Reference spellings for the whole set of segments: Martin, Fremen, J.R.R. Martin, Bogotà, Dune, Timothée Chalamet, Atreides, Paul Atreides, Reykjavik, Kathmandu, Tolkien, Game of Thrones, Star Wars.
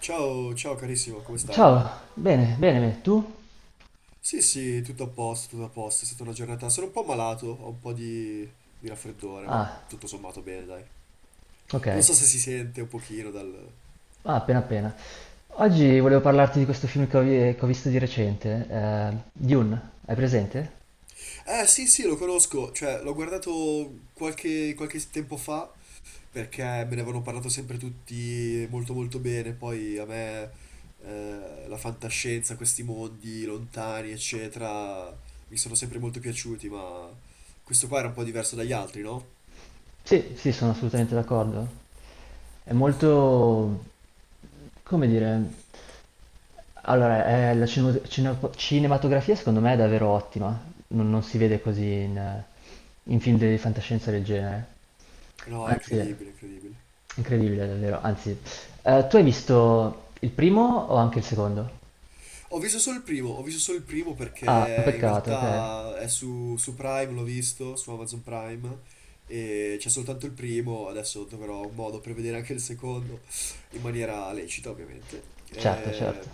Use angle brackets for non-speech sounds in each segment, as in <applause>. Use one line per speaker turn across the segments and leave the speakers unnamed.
Ciao, ciao carissimo, come stai?
Ciao, bene, bene, bene. Tu?
Sì, sì, tutto a posto, è stata una giornata, sono un po' malato, ho un po' di raffreddore, ma
Ah,
tutto sommato bene, dai.
ok.
Non so se si sente un pochino dal...
Ah, appena appena. Oggi volevo parlarti di questo film che che ho visto di recente, Dune, hai presente?
Sì, sì, lo conosco, cioè, l'ho guardato qualche tempo fa, perché me ne avevano parlato sempre tutti molto molto bene, poi a me la fantascienza, questi mondi lontani, eccetera, mi sono sempre molto piaciuti, ma questo qua era un po' diverso dagli altri, no?
Sì, sì, sono assolutamente d'accordo. È molto... come dire... Allora, la cinematografia secondo me è davvero ottima, non si vede così in film di fantascienza del genere.
No, è
Anzi...
incredibile, incredibile.
Incredibile davvero, anzi, tu hai visto il primo o anche il secondo?
Ho visto solo il primo, ho visto solo il primo
Ah, un
perché in
peccato, ok.
realtà è su Prime, l'ho visto, su Amazon Prime, e c'è soltanto il primo, adesso troverò un modo per vedere anche il secondo, in maniera lecita ovviamente.
Certo, certo.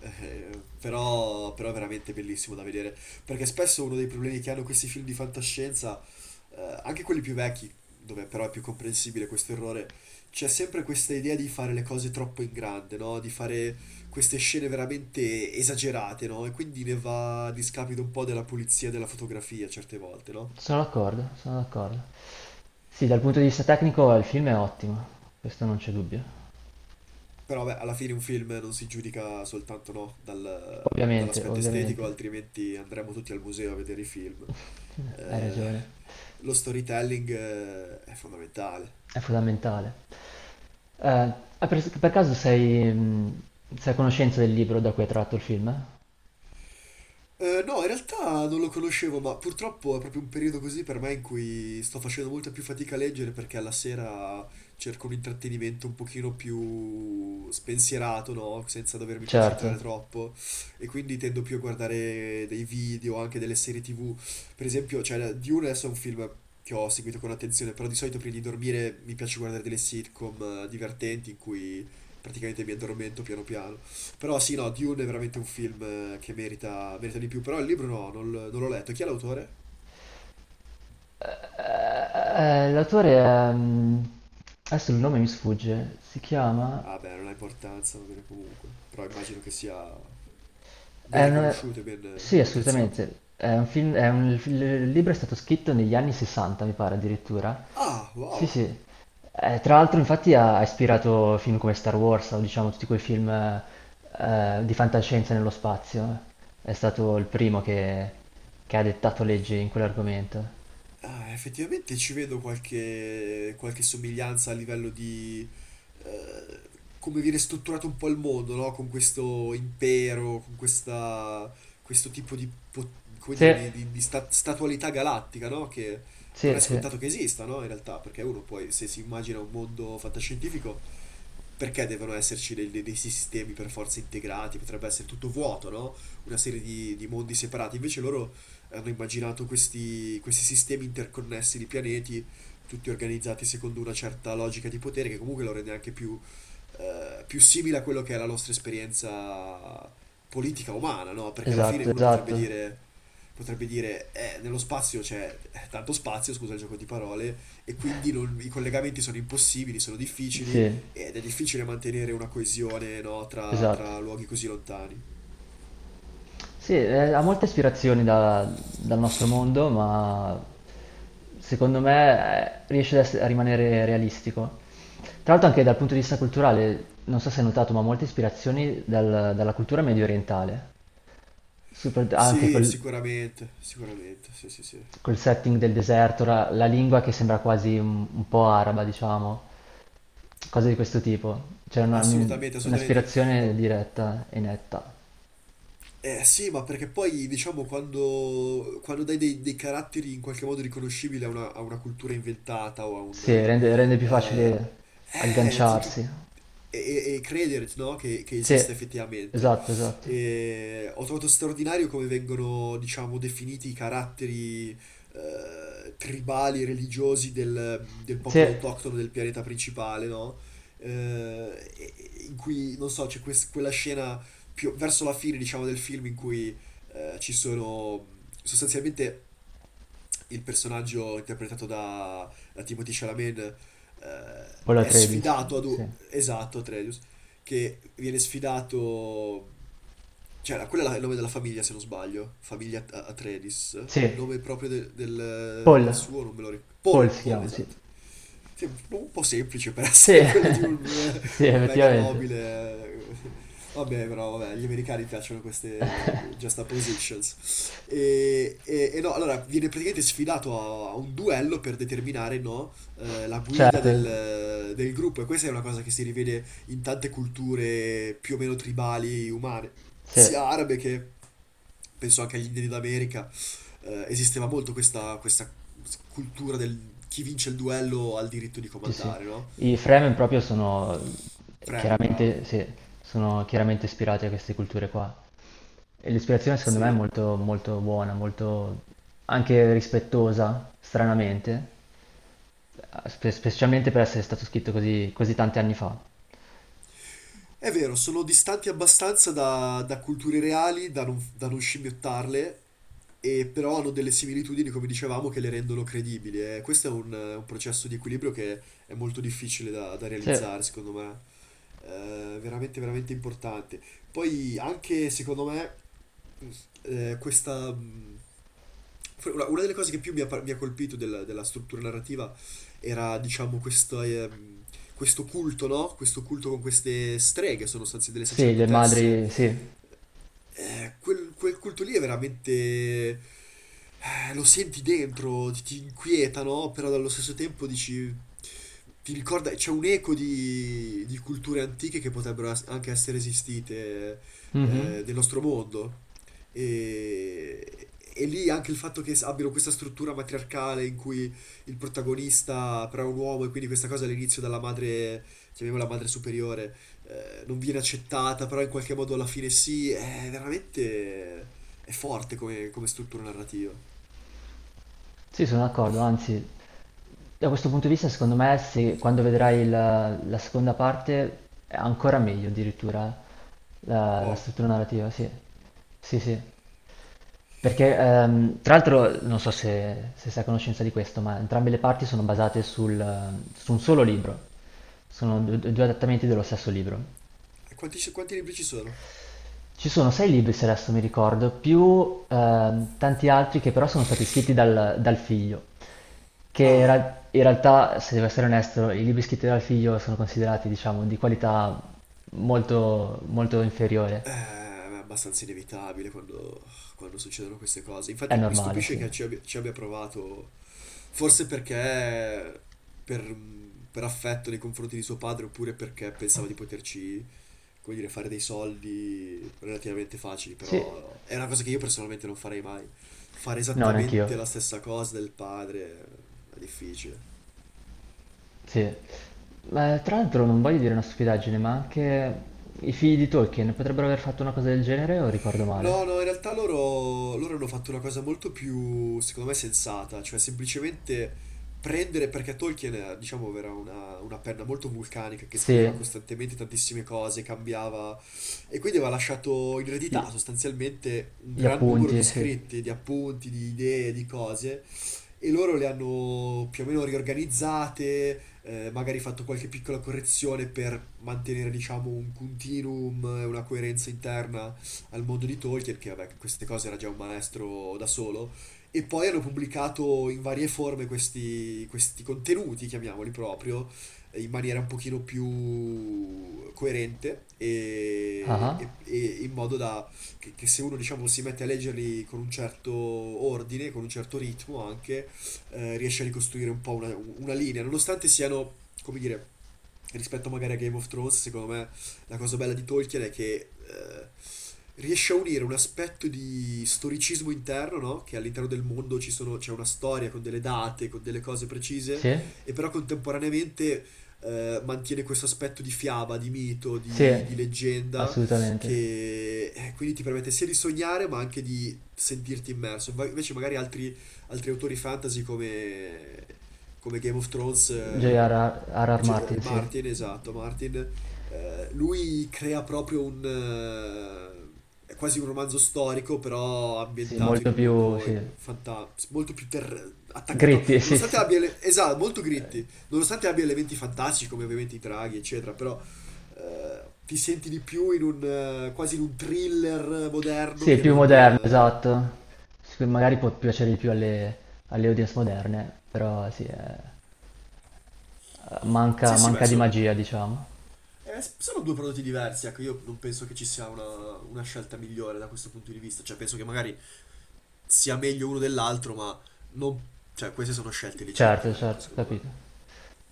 Però, è veramente bellissimo da vedere, perché spesso uno dei problemi che hanno questi film di fantascienza, anche quelli più vecchi, dove però è più comprensibile questo errore, c'è sempre questa idea di fare le cose troppo in grande, no? Di fare queste scene veramente esagerate, no? E quindi ne va a discapito un po' della pulizia della fotografia certe volte, no?
Sono d'accordo, sono d'accordo. Sì, dal punto di vista tecnico il film è ottimo, questo non c'è dubbio.
Però vabbè, alla fine un film non si giudica soltanto, no,
Ovviamente,
dall'aspetto estetico,
ovviamente,
altrimenti andremo tutti al museo a vedere i film.
hai
Eh,
ragione,
lo storytelling, è fondamentale.
è fondamentale. Per caso sei a conoscenza del libro da cui è tratto il film?
No, in realtà non lo conoscevo, ma purtroppo è proprio un periodo così per me in cui sto facendo molta più fatica a leggere perché alla sera cerco un intrattenimento un pochino più spensierato, no? Senza dovermi
Certo.
concentrare troppo e quindi tendo più a guardare dei video, anche delle serie TV. Per esempio, cioè, Dune adesso è un film che ho seguito con attenzione, però di solito prima di dormire mi piace guardare delle sitcom divertenti in cui praticamente mi addormento piano piano. Però sì, no, Dune è veramente un film che merita, merita di più, però il libro no, non l'ho letto. Chi è l'autore?
L'autore è... adesso il nome mi sfugge, si chiama...
Ah beh, non ha importanza, va bene comunque. Però immagino che sia ben
È un-
riconosciuto e ben
Sì,
apprezzato.
assolutamente. È un film- è un- Il libro è stato scritto negli anni 60, mi pare addirittura.
Ah,
Sì,
wow.
sì. Tra l'altro, infatti, ha ispirato film come Star Wars o diciamo tutti quei film di fantascienza nello spazio. È stato il primo che ha dettato leggi in quell'argomento.
Ah, effettivamente ci vedo qualche somiglianza a livello di eh, come viene strutturato un po' il mondo, no? Con questo impero, con questo tipo di, come dire,
Sì,
di statualità galattica, no? Che non
sì,
è
sì.
scontato che esista, no? In realtà, perché uno poi se si immagina un mondo fantascientifico perché devono esserci dei sistemi per forza integrati? Potrebbe essere tutto vuoto, no? Una serie di mondi separati. Invece loro hanno immaginato questi sistemi interconnessi di pianeti, tutti organizzati secondo una certa logica di potere, che comunque lo rende anche più, più simile a quello che è la nostra esperienza politica umana, no? Perché alla fine
Esatto,
uno
esatto.
potrebbe dire, nello spazio c'è tanto spazio, scusa il gioco di parole, e quindi i collegamenti sono impossibili, sono difficili,
Sì,
ed è difficile mantenere una coesione, no,
esatto.
tra luoghi così lontani.
Sì, ha molte ispirazioni dal nostro mondo, ma secondo me riesce a rimanere realistico. Tra l'altro anche dal punto di vista culturale, non so se hai notato, ma molte ispirazioni dalla cultura medio orientale, Super- anche
Sì,
col,
sicuramente, sicuramente, sì, sì, sì.
col setting del deserto, la lingua che sembra quasi un po' araba, diciamo, cose di questo tipo.
Assolutamente, assolutamente. Ma
Un'ispirazione diretta e netta.
eh sì, ma perché poi diciamo quando dai dei caratteri in qualche modo riconoscibili a a una cultura inventata o a
Sì,
un...
rende più
eh,
facile
eh, ti- tu-
agganciarsi.
e credere, no, che esista
Sì,
effettivamente.
esatto, esatto.
E ho trovato straordinario come vengono, diciamo, definiti i caratteri tribali, religiosi del
Sì,
popolo autoctono del pianeta principale, no? Eh, in cui, non so, quella scena più verso la fine, diciamo, del film in cui ci sono sostanzialmente il personaggio interpretato da Timothée Chalamet eh,
Paul
è
Atreides,
sfidato ad un...
sì.
esatto, Atreus, che viene sfidato cioè, il nome della famiglia, se non sbaglio. Famiglia Atreides. Il
Sì,
nome proprio de-
Paul,
del suo non me lo ricordo.
Paul
Paul,
si
Paul,
chiama, sì.
esatto. Sì, un po' semplice per <laughs>
Sì,
essere quello di
<laughs> sì,
un mega
effettivamente.
nobile. Vabbè, però vabbè, gli americani piacciono queste juxtapositions. No, allora viene praticamente sfidato a un duello per determinare, no, la guida
Certo,
del gruppo. E questa è una cosa che si rivede in tante culture più o meno tribali umane,
sì,
sia arabe che penso anche agli indiani d'America esisteva molto questa cultura del chi vince il duello ha il diritto di
sì, sì.
comandare, no?
I Fremen proprio sono
Fremen, bravo.
chiaramente, sì, sono chiaramente ispirati a queste culture qua. E l'ispirazione secondo me è
Sì,
molto, molto buona, molto anche rispettosa, stranamente, specialmente per essere stato scritto così, così tanti anni fa.
è vero, sono distanti abbastanza da culture reali da non scimmiottarle, e però hanno delle similitudini, come dicevamo, che le rendono credibili. E questo è un processo di equilibrio che è molto difficile da
Sì.
realizzare, secondo me. Veramente, veramente importante. Poi anche, secondo me, questa... una delle cose che più mi ha, mi ha colpito della struttura narrativa era, diciamo, questo culto, no? Questo culto con queste streghe, sono state delle
Sì, le
sacerdotesse.
madri, sì.
Quel culto lì è veramente... lo senti dentro, ti inquieta, no? Però allo stesso tempo dici... Ti ricorda, c'è un eco di culture antiche che potrebbero anche essere esistite
Mhm.
nel nostro mondo. E, lì anche il fatto che abbiano questa struttura matriarcale in cui il protagonista però è un uomo e quindi questa cosa all'inizio dalla madre, chiamiamola madre superiore, non viene accettata, però in qualche modo alla fine sì, è veramente è forte come, come struttura narrativa.
Sì, sono d'accordo, anzi, da questo punto di vista, secondo me, se quando vedrai la seconda parte è ancora meglio addirittura la
Wow.
struttura narrativa, sì. Sì, sì. Perché, tra l'altro, non so se sei a conoscenza di questo, ma entrambe le parti sono basate su un solo libro. Sono due adattamenti dello stesso libro.
E quanti, quanti libri ci sono?
Ci sono sei libri se adesso mi ricordo, più tanti altri che però sono stati scritti dal figlio, che
Ah,
in realtà, se devo essere onesto, i libri scritti dal figlio sono considerati, diciamo, di qualità molto, molto inferiore.
è abbastanza inevitabile quando succedono queste cose.
È
Infatti mi
normale,
stupisce
sì.
che ci abbia provato, forse perché per, per affetto nei confronti di suo padre, oppure perché pensava di poterci come dire, fare dei soldi relativamente facili,
Sì,
però è una cosa che io personalmente non farei mai. Fare
no,
esattamente
neanch'io.
la stessa cosa del padre è difficile.
Sì. Ma, tra l'altro non voglio dire una stupidaggine, ma anche i figli di Tolkien potrebbero aver fatto una cosa del genere o ricordo male?
No, no, in realtà loro hanno fatto una cosa molto più, secondo me, sensata, cioè semplicemente prendere, perché Tolkien, diciamo, era una penna molto vulcanica che
Sì,
scriveva costantemente tantissime cose, cambiava, e quindi aveva lasciato in
gli,
eredità sostanzialmente un
gli
gran numero di
appunti, sì.
scritti, di appunti, di idee, di cose e loro le hanno più o meno riorganizzate, magari fatto qualche piccola correzione per mantenere, diciamo, un continuum e una coerenza interna al mondo di Tolkien, che vabbè, queste cose era già un maestro da solo, e poi hanno pubblicato in varie forme questi contenuti, chiamiamoli proprio, in maniera un pochino più coerente
Ah, ah,
e in modo da che se uno, diciamo, si mette a leggerli con un certo ordine, con un certo ritmo anche, riesce a ricostruire un po' una linea, nonostante siano, come dire, rispetto magari a Game of Thrones, secondo me la cosa bella di Tolkien è che riesce a unire un aspetto di storicismo interno, no? Che all'interno del mondo c'è una storia con delle date, con delle cose precise,
sì.
e però contemporaneamente mantiene questo aspetto di fiaba, di mito,
Sì,
di leggenda,
assolutamente.
che quindi ti permette sia di sognare ma anche di sentirti immerso. Invece magari altri altri autori fantasy come, come Game of Thrones,
J.R.R. R. R. Martin, sì.
Martin, esatto, Martin, lui crea proprio un... è quasi un romanzo storico, però
Sì,
ambientato in
molto
un
più,
mondo
sì.
in molto più attaccato,
Gritty, <laughs> sì,
nonostante
sì.
abbia, esatto, molto gritti, nonostante abbia elementi fantastici come ovviamente i draghi, eccetera, però ti senti di più in un quasi in un thriller moderno
Sì,
che
più
non...
moderno, esatto. Sì, magari può piacere di più alle audience moderne, però sì,
sì,
manca,
sì, beh,
manca di magia, diciamo.
Sono due prodotti diversi, ecco, io non penso che ci sia una scelta migliore da questo punto di vista, cioè penso che magari sia meglio uno dell'altro, ma non... cioè queste sono scelte
Certo,
legittime, ecco,
certo,
secondo me.
capito.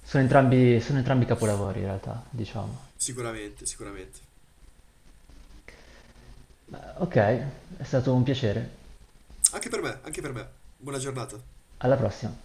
Sono entrambi capolavori in realtà, diciamo.
Sicuramente, sicuramente.
Ma, ok, è stato un piacere.
Anche per me, anche per me. Buona giornata.
Alla prossima.